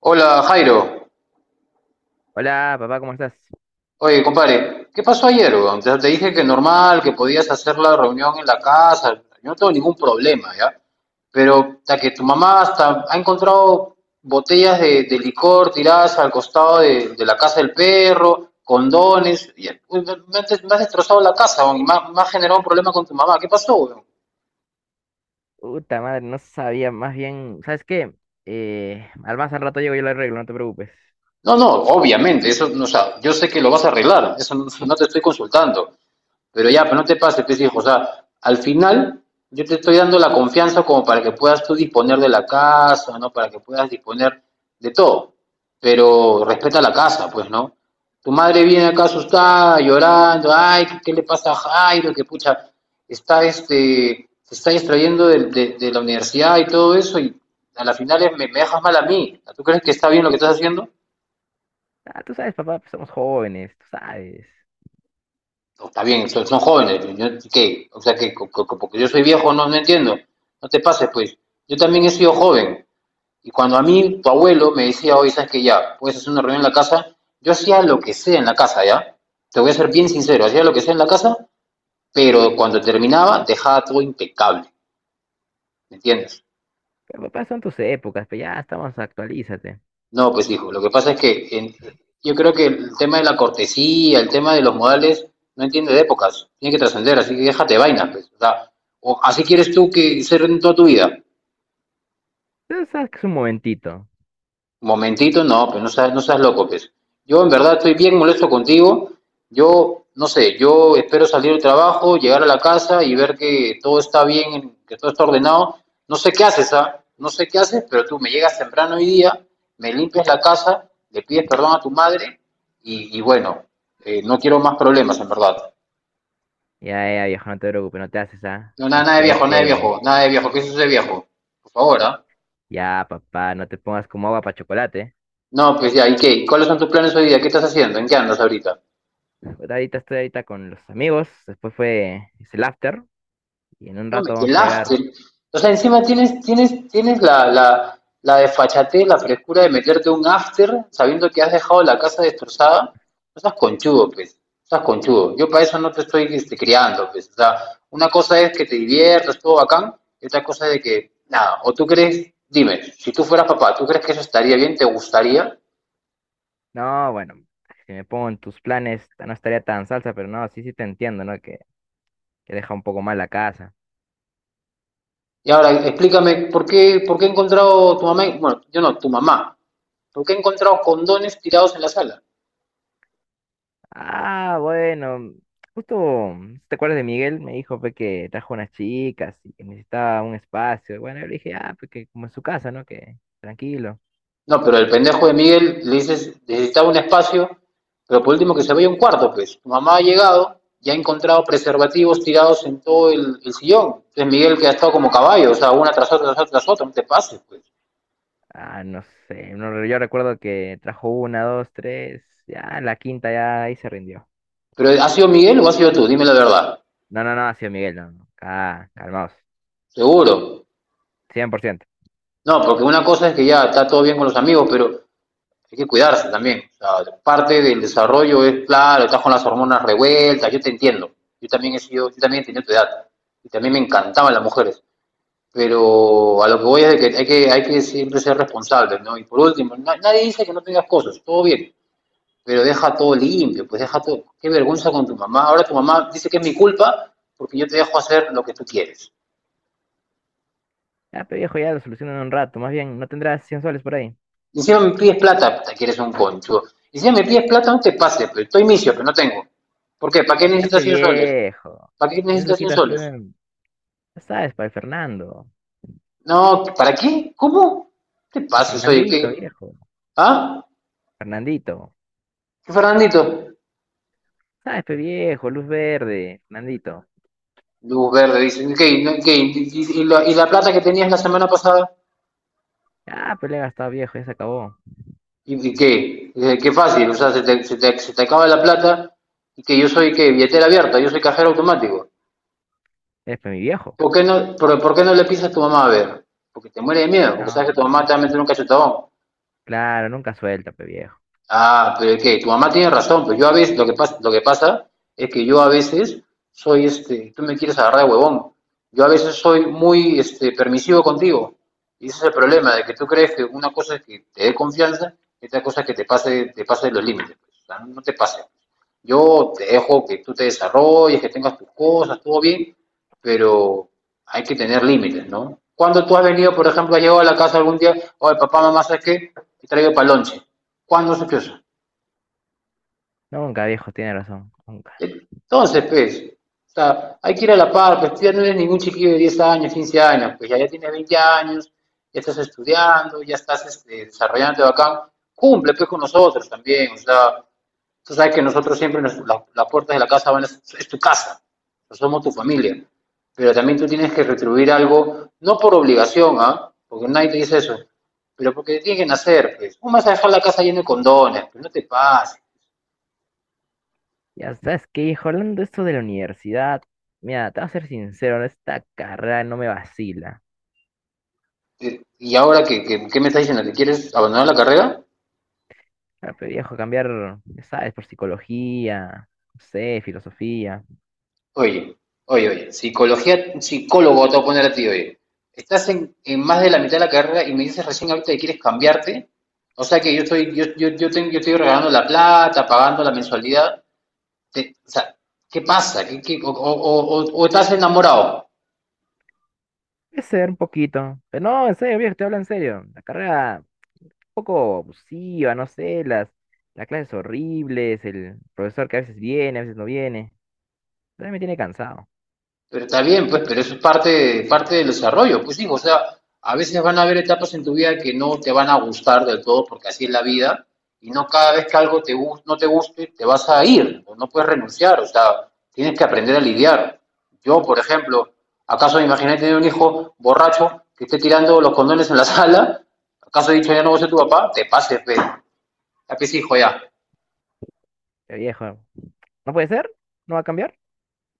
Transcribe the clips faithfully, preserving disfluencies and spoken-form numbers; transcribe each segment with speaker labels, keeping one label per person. Speaker 1: Hola Jairo,
Speaker 2: Hola, papá, ¿cómo estás?
Speaker 1: oye compadre, ¿qué pasó ayer? Weón? Ya te dije que normal, que podías hacer la reunión en la casa, yo no tengo ningún problema, ¿ya? Pero hasta que tu mamá hasta ha encontrado botellas de, de licor tiradas al costado de, de la casa del perro, condones, y, uy, me, me has des- me has destrozado la casa, weón, y me, ha me ha generado un problema con tu mamá, ¿qué pasó? Weón?
Speaker 2: Puta madre, no sabía, más bien, ¿sabes qué? Eh, al más al rato llego y lo arreglo, no te preocupes.
Speaker 1: No, no, obviamente, eso, no, o sea, yo sé que lo vas a arreglar, eso no no te estoy consultando. Pero ya, pero no te pases, pues hijo, o sea, al final yo te estoy dando la confianza como para que puedas tú disponer de la casa, ¿no? Para que puedas disponer de todo. Pero respeta la casa, pues, ¿no? Tu madre viene acá asustada, llorando, ay, ¿qué, qué le pasa a Jairo? Que pucha, está este, se está distrayendo de, de- de la universidad y todo eso, y a la final es- me, me dejas mal a mí. ¿Tú crees que está bien lo que estás haciendo?
Speaker 2: Ah, tú sabes, papá, pues somos jóvenes, tú sabes.
Speaker 1: No, está bien, son, son jóvenes. Yo, ¿qué? O sea, que porque yo soy viejo no, no entiendo. No te pases, pues. Yo también he sido joven. Y cuando a mí tu abuelo me decía, oye, sabes que ya, puedes hacer una reunión en la casa, yo hacía lo que sea en la casa, ¿ya? Te voy a ser bien sincero, hacía lo que sea en la casa, pero cuando terminaba dejaba todo impecable, ¿me entiendes?
Speaker 2: Pero, papá, son tus épocas, pero ya estamos, actualízate.
Speaker 1: No, pues hijo, lo que pasa es que en- yo creo que el tema de la cortesía, el tema de los modales, no entiende de épocas, tiene que trascender, así que déjate de vainas, pues. O sea, o así quieres tú que ser en toda tu vida.
Speaker 2: Tú sabes que es un momentito.
Speaker 1: Momentito, no, pues no seas, no seas loco, pues. Yo en verdad estoy bien molesto contigo. Yo, no sé, yo espero salir del trabajo, llegar a la casa y ver que todo está bien, que todo está ordenado. No sé qué haces, ¿ah? No sé qué haces, pero tú me llegas temprano hoy día, me limpias la casa, le pides perdón a tu madre y, y bueno, eh, no quiero más problemas, en verdad.
Speaker 2: Ya, ya, viejo, no te preocupes, no te haces, ¿ah?
Speaker 1: No, nada,
Speaker 2: Estás
Speaker 1: nada de
Speaker 2: peor
Speaker 1: viejo, nada de
Speaker 2: que...
Speaker 1: viejo, nada de viejo, ¿qué es eso de viejo? Por favor, ¿ah?
Speaker 2: Ya, papá, no te pongas como agua para chocolate.
Speaker 1: No, pues ya, ¿y qué? ¿Cuáles son tus planes hoy día? ¿Qué estás haciendo? ¿En qué andas ahorita?
Speaker 2: Pues, Ahorita estoy ahorita con los amigos, después fue, es el after, y en un
Speaker 1: No me
Speaker 2: rato vamos a llegar.
Speaker 1: hielaste. O sea, encima tienes, tienes, tienes la, la, la desfachatez, la frescura de meterte un after sabiendo que has dejado la casa destrozada. No seas conchudo, pues. No seas conchudo. Yo para eso no te estoy este, criando, pues. O sea, una cosa es que te diviertas, todo bacán, y otra cosa es de que, nada, o tú crees, dime, si tú fueras papá, ¿tú crees que eso estaría bien? ¿Te gustaría?
Speaker 2: No, bueno, si me pongo en tus planes, no estaría tan salsa, pero no, sí, sí te entiendo, ¿no? Que, que deja un poco mal la casa.
Speaker 1: Y ahora explícame, ¿por qué, por qué he encontrado tu mamá, bueno, yo no, tu mamá, ¿por qué he encontrado condones tirados en la sala?
Speaker 2: Ah, bueno, justo, si ¿te acuerdas de Miguel? Me dijo pues, que trajo unas chicas y que necesitaba un espacio. Bueno, yo le dije, ah, pues que como en su casa, ¿no? Que tranquilo.
Speaker 1: No, pero el pendejo de Miguel le dices, necesitaba un espacio, pero por último que se vaya un cuarto, pues. Tu mamá ha llegado y ha encontrado preservativos tirados en todo el, el sillón. Entonces Miguel que ha estado como caballo, o sea, una tras otra, tras otra, tras otra, no te pases, pues.
Speaker 2: Ah, no sé, no, yo recuerdo que trajo una, dos, tres, ya la quinta ya ahí se rindió.
Speaker 1: Pero ¿ha sido Miguel o ha sido tú? Dime la verdad.
Speaker 2: No, no, no, ha sido Miguel, no, no, ca- calmaos,
Speaker 1: Seguro.
Speaker 2: cien por ciento.
Speaker 1: No, porque una cosa es que ya está todo bien con los amigos, pero hay que cuidarse también. O sea, parte del desarrollo es, claro, estás con las hormonas revueltas, yo te entiendo. Yo también he sido, yo también he tenido tu edad. Y también me encantaban las mujeres. Pero a lo que voy es de que hay que, hay que siempre ser responsables, ¿no? Y por último, na- nadie dice que no tengas cosas, todo bien, pero deja todo limpio, pues deja todo. Qué vergüenza con tu mamá. Ahora tu mamá dice que es mi culpa porque yo te dejo hacer lo que tú quieres.
Speaker 2: Ya, pero viejo, ya lo solucionan en un rato, más bien, ¿no tendrás cien soles por ahí?
Speaker 1: Y encima me pides plata, puta, que eres un concho. Y encima me pides plata, no te pases, pues estoy misio, pero no tengo. ¿Por qué? ¿Para qué
Speaker 2: Ya,
Speaker 1: necesitas
Speaker 2: pe
Speaker 1: cien soles?
Speaker 2: viejo.
Speaker 1: ¿Para qué
Speaker 2: Tienes
Speaker 1: necesitas cien
Speaker 2: loquitas fe,
Speaker 1: soles?
Speaker 2: ya sabes, para el Fernando.
Speaker 1: No, ¿para qué? ¿Cómo? Te
Speaker 2: Para
Speaker 1: pases, oye,
Speaker 2: Fernandito,
Speaker 1: ¿qué?
Speaker 2: viejo.
Speaker 1: ¿Ah?
Speaker 2: Fernandito.
Speaker 1: ¿Qué, Fernandito?
Speaker 2: Sabes, pe viejo, luz verde, Fernandito.
Speaker 1: Luz verde, dice ¿qué? ¿Y no- qué? ¿Y- la, y la plata que tenías la semana pasada?
Speaker 2: Ya, pe le he gastado viejo, ya se acabó.
Speaker 1: ¿Y y qué? Eh, Qué fácil, o sea, se te, se te- se te acaba la plata y que yo soy, ¿qué? Billetera abierta, yo soy cajero automático.
Speaker 2: Es pe mi viejo.
Speaker 1: ¿Por qué no, por, por qué no le pisas a tu mamá a ver? Porque te muere de miedo, porque
Speaker 2: No,
Speaker 1: sabes que tu mamá
Speaker 2: no.
Speaker 1: te va a meter un cachetadón.
Speaker 2: Claro, nunca suelta, pe viejo.
Speaker 1: Ah, pero es que tu mamá tiene razón, pero yo a veces, lo que pasa, lo que pasa es que yo a veces soy este, tú me quieres agarrar de huevón. Yo a veces soy muy este, permisivo contigo. Y ese es el problema, de que tú crees que una cosa es que te dé confianza y otra cosa es que te pase, te pase los límites, pues. O sea, no no te pase. Yo te dejo que tú te desarrolles, que tengas tus cosas, todo bien, pero hay que tener límites, ¿no? Cuando tú has venido, por ejemplo, has llegado a la casa algún día, oye, papá, mamá, ¿sabes qué? Te traigo palonche cuando se cruza.
Speaker 2: Nunca, viejo, tiene razón. Nunca.
Speaker 1: Entonces, pues, o sea, hay que ir a la par, pues tú ya no eres ningún chiquillo de diez años, quince años, pues ya, ya tienes veinte años, ya estás estudiando, ya estás este, desarrollándote bacán, cumple pues con nosotros también, o sea, tú sabes que nosotros siempre, nos, la- las puertas de la casa van, a- es tu casa, nosotros somos tu familia, pero también tú tienes que retribuir algo, no por obligación, ¿ah? ¿Eh? Porque nadie te dice eso, pero porque tiene que nacer, pues, ¿cómo vas a dejar la casa llena de condones? Pues no te pases,
Speaker 2: Ya sabes que, hijo, hablando de esto de la universidad, mira, te voy a ser sincero, esta carrera no me vacila.
Speaker 1: eh, y ahora que, que- ¿qué me estás diciendo? ¿Que quieres abandonar la carrera?
Speaker 2: Claro, pe viejo, cambiar, ya sabes, por psicología, no sé, filosofía.
Speaker 1: Oye, oye, oye, psicología, psicólogo te voy a poner a ti, oye. Estás en, en más de la mitad de la carrera y me dices recién ahorita que quieres cambiarte. O sea que yo estoy, yo, yo, yo, tengo, yo estoy regalando la plata, pagando la mensualidad. Te- o sea, ¿qué pasa? ¿Qué, qué- o, o- o- o- o estás enamorado?
Speaker 2: Puede ser un poquito. Pero no, en serio, viejo, te hablo en serio. La carrera un poco abusiva, no sé, las, las clases horribles, el profesor que a veces viene, a veces no viene. También me tiene cansado.
Speaker 1: Pero está bien, pues, pero eso es parte, parte del desarrollo, pues digo, o sea, a veces van a haber etapas en tu vida que no te van a gustar del todo, porque así es la vida, y no cada vez que algo te no te guste, te vas a ir, no puedes renunciar, o sea, tienes que aprender a lidiar. Yo, por ejemplo, ¿acaso me imaginé tener un hijo borracho que esté tirando los condones en la sala? ¿Acaso he dicho ya no voy a ser tu papá? Te pases, ve, ya que es hijo ya.
Speaker 2: Pero viejo, ¿no puede ser? ¿No va a cambiar?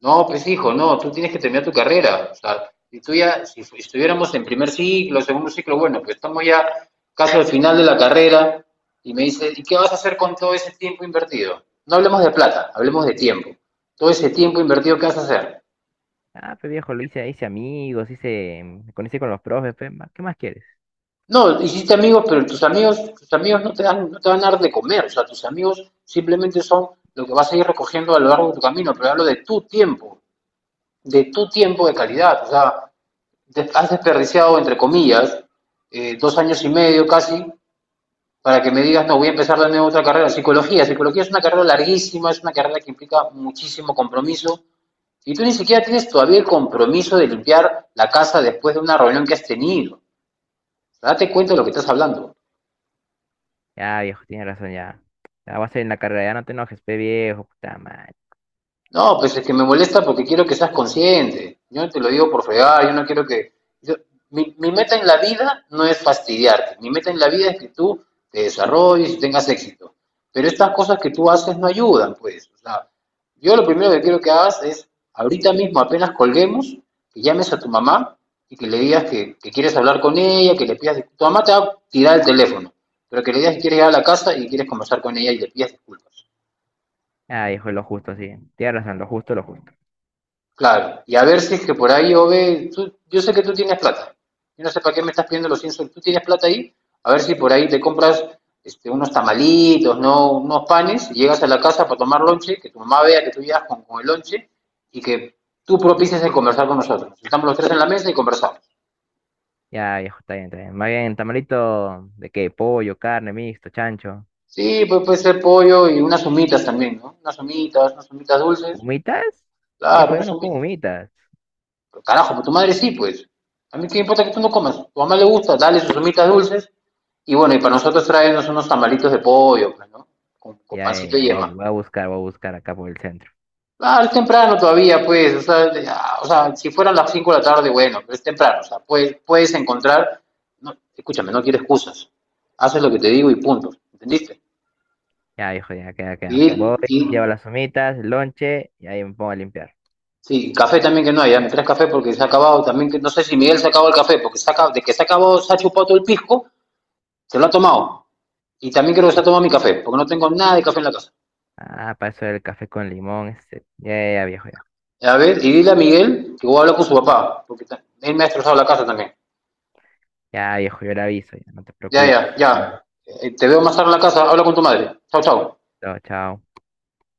Speaker 1: No, pues hijo, no, tú tienes que terminar tu carrera. O sea, si tú ya, si fu- estuviéramos en primer ciclo, segundo ciclo, bueno, pues estamos ya casi al final de la carrera y me dice, ¿y qué vas a hacer con todo ese tiempo invertido? No hablemos de plata, hablemos de tiempo. Todo ese tiempo invertido, ¿qué vas a hacer?
Speaker 2: Ah, pues viejo, lo hice, hice amigos, hice, mm, me conocí con los profes, pe, ma- ¿qué más quieres?
Speaker 1: No, hiciste amigos, pero tus amigos, tus amigos no te dan, no te van a dar de comer, o sea, tus amigos simplemente son lo que vas a ir recogiendo a lo largo de tu camino, pero hablo de tu tiempo, de tu tiempo, de calidad, o sea, has desperdiciado, entre comillas, eh, dos años y medio casi, para que me digas, no, voy a empezar de nuevo otra carrera. Psicología, psicología es una carrera larguísima, es una carrera que implica muchísimo compromiso. Y tú ni siquiera tienes todavía el compromiso de limpiar la casa después de una reunión que has tenido. Date cuenta de lo que estás hablando.
Speaker 2: Ya, viejo, tienes razón, ya. Ya vas a ir en la carrera, ya no te enojes, pe, viejo, puta madre.
Speaker 1: No, pues es que me molesta porque quiero que seas consciente. Yo no te lo digo por fregar, yo no quiero que... yo- mi, mi meta en la vida no es fastidiarte, mi meta en la vida es que tú te desarrolles y tengas éxito. Pero estas cosas que tú haces no ayudan, pues. O sea, yo lo primero que quiero que hagas es, ahorita mismo apenas colguemos, que llames a tu mamá y que le digas que, que quieres hablar con ella, que le pidas disculpas. Tu mamá te va a tirar el teléfono, pero que le digas que quieres ir a la casa y quieres conversar con ella y le pidas disculpas.
Speaker 2: Ah, viejo, lo justo, sí. Tienes razón, lo justo, lo justo.
Speaker 1: Claro, y a ver si es que por ahí, Ove, tú- yo sé que tú tienes plata. Yo no sé para qué me estás pidiendo los cien soles. Tú tienes plata ahí, a ver si por ahí te compras este, unos tamalitos, no, unos panes, y llegas a la casa para tomar lonche, que tu mamá vea que tú llegas con, con el lonche y que tú propices el conversar con nosotros. Estamos los tres en la mesa y conversamos.
Speaker 2: Ya, viejo, está bien, está bien. Más bien, tamalito de qué, pollo, carne, mixto, chancho.
Speaker 1: Sí, pues puede ser pollo y unas humitas también, ¿no? Unas humitas, unas humitas dulces.
Speaker 2: ¿Humitas?
Speaker 1: Claro,
Speaker 2: Viejo, yo
Speaker 1: unas
Speaker 2: no como
Speaker 1: humitas.
Speaker 2: humitas.
Speaker 1: Carajo, pues tu madre sí, pues. A mí qué importa que tú no comas. Tu mamá le gusta, dale sus humitas dulces. Y bueno, y para nosotros tráenos unos tamalitos de pollo, pues, ¿no? Con, con
Speaker 2: Ya, ya,
Speaker 1: pancito y
Speaker 2: ya, voy a,
Speaker 1: yema.
Speaker 2: voy a buscar, voy a buscar acá por el centro.
Speaker 1: Ah, es temprano todavía, pues. O sea, ya, o sea, si fueran las cinco de la tarde, bueno, pero es temprano. O sea, puedes, puedes encontrar. No, escúchame, no quiero excusas. Haces lo que te digo y punto. ¿Entendiste?
Speaker 2: Ya, viejo, ya, queda, queda. Voy,
Speaker 1: Y, y
Speaker 2: llevo las humitas, el lonche, y ahí me pongo a limpiar.
Speaker 1: sí, café también que no hay. Ya me traes café porque se ha acabado. También que no sé si Miguel se acabó el café, porque se ha de que se ha acabado, se ha chupado todo el pisco, se lo ha tomado. Y también quiero que tomando mi café, porque no tengo nada de café en la casa.
Speaker 2: Ah, paso el café con limón, este. Ya, ya, ya, viejo, ya.
Speaker 1: A ver, y dile a Miguel que voy a hablar con su papá, porque él me ha destrozado la casa también.
Speaker 2: Ya, viejo, yo le aviso, ya, no te
Speaker 1: Ya,
Speaker 2: preocupes.
Speaker 1: ya,
Speaker 2: No,
Speaker 1: ya. Eh, te veo más tarde en la casa, habla con tu madre. Chao, chao.
Speaker 2: chao, chao.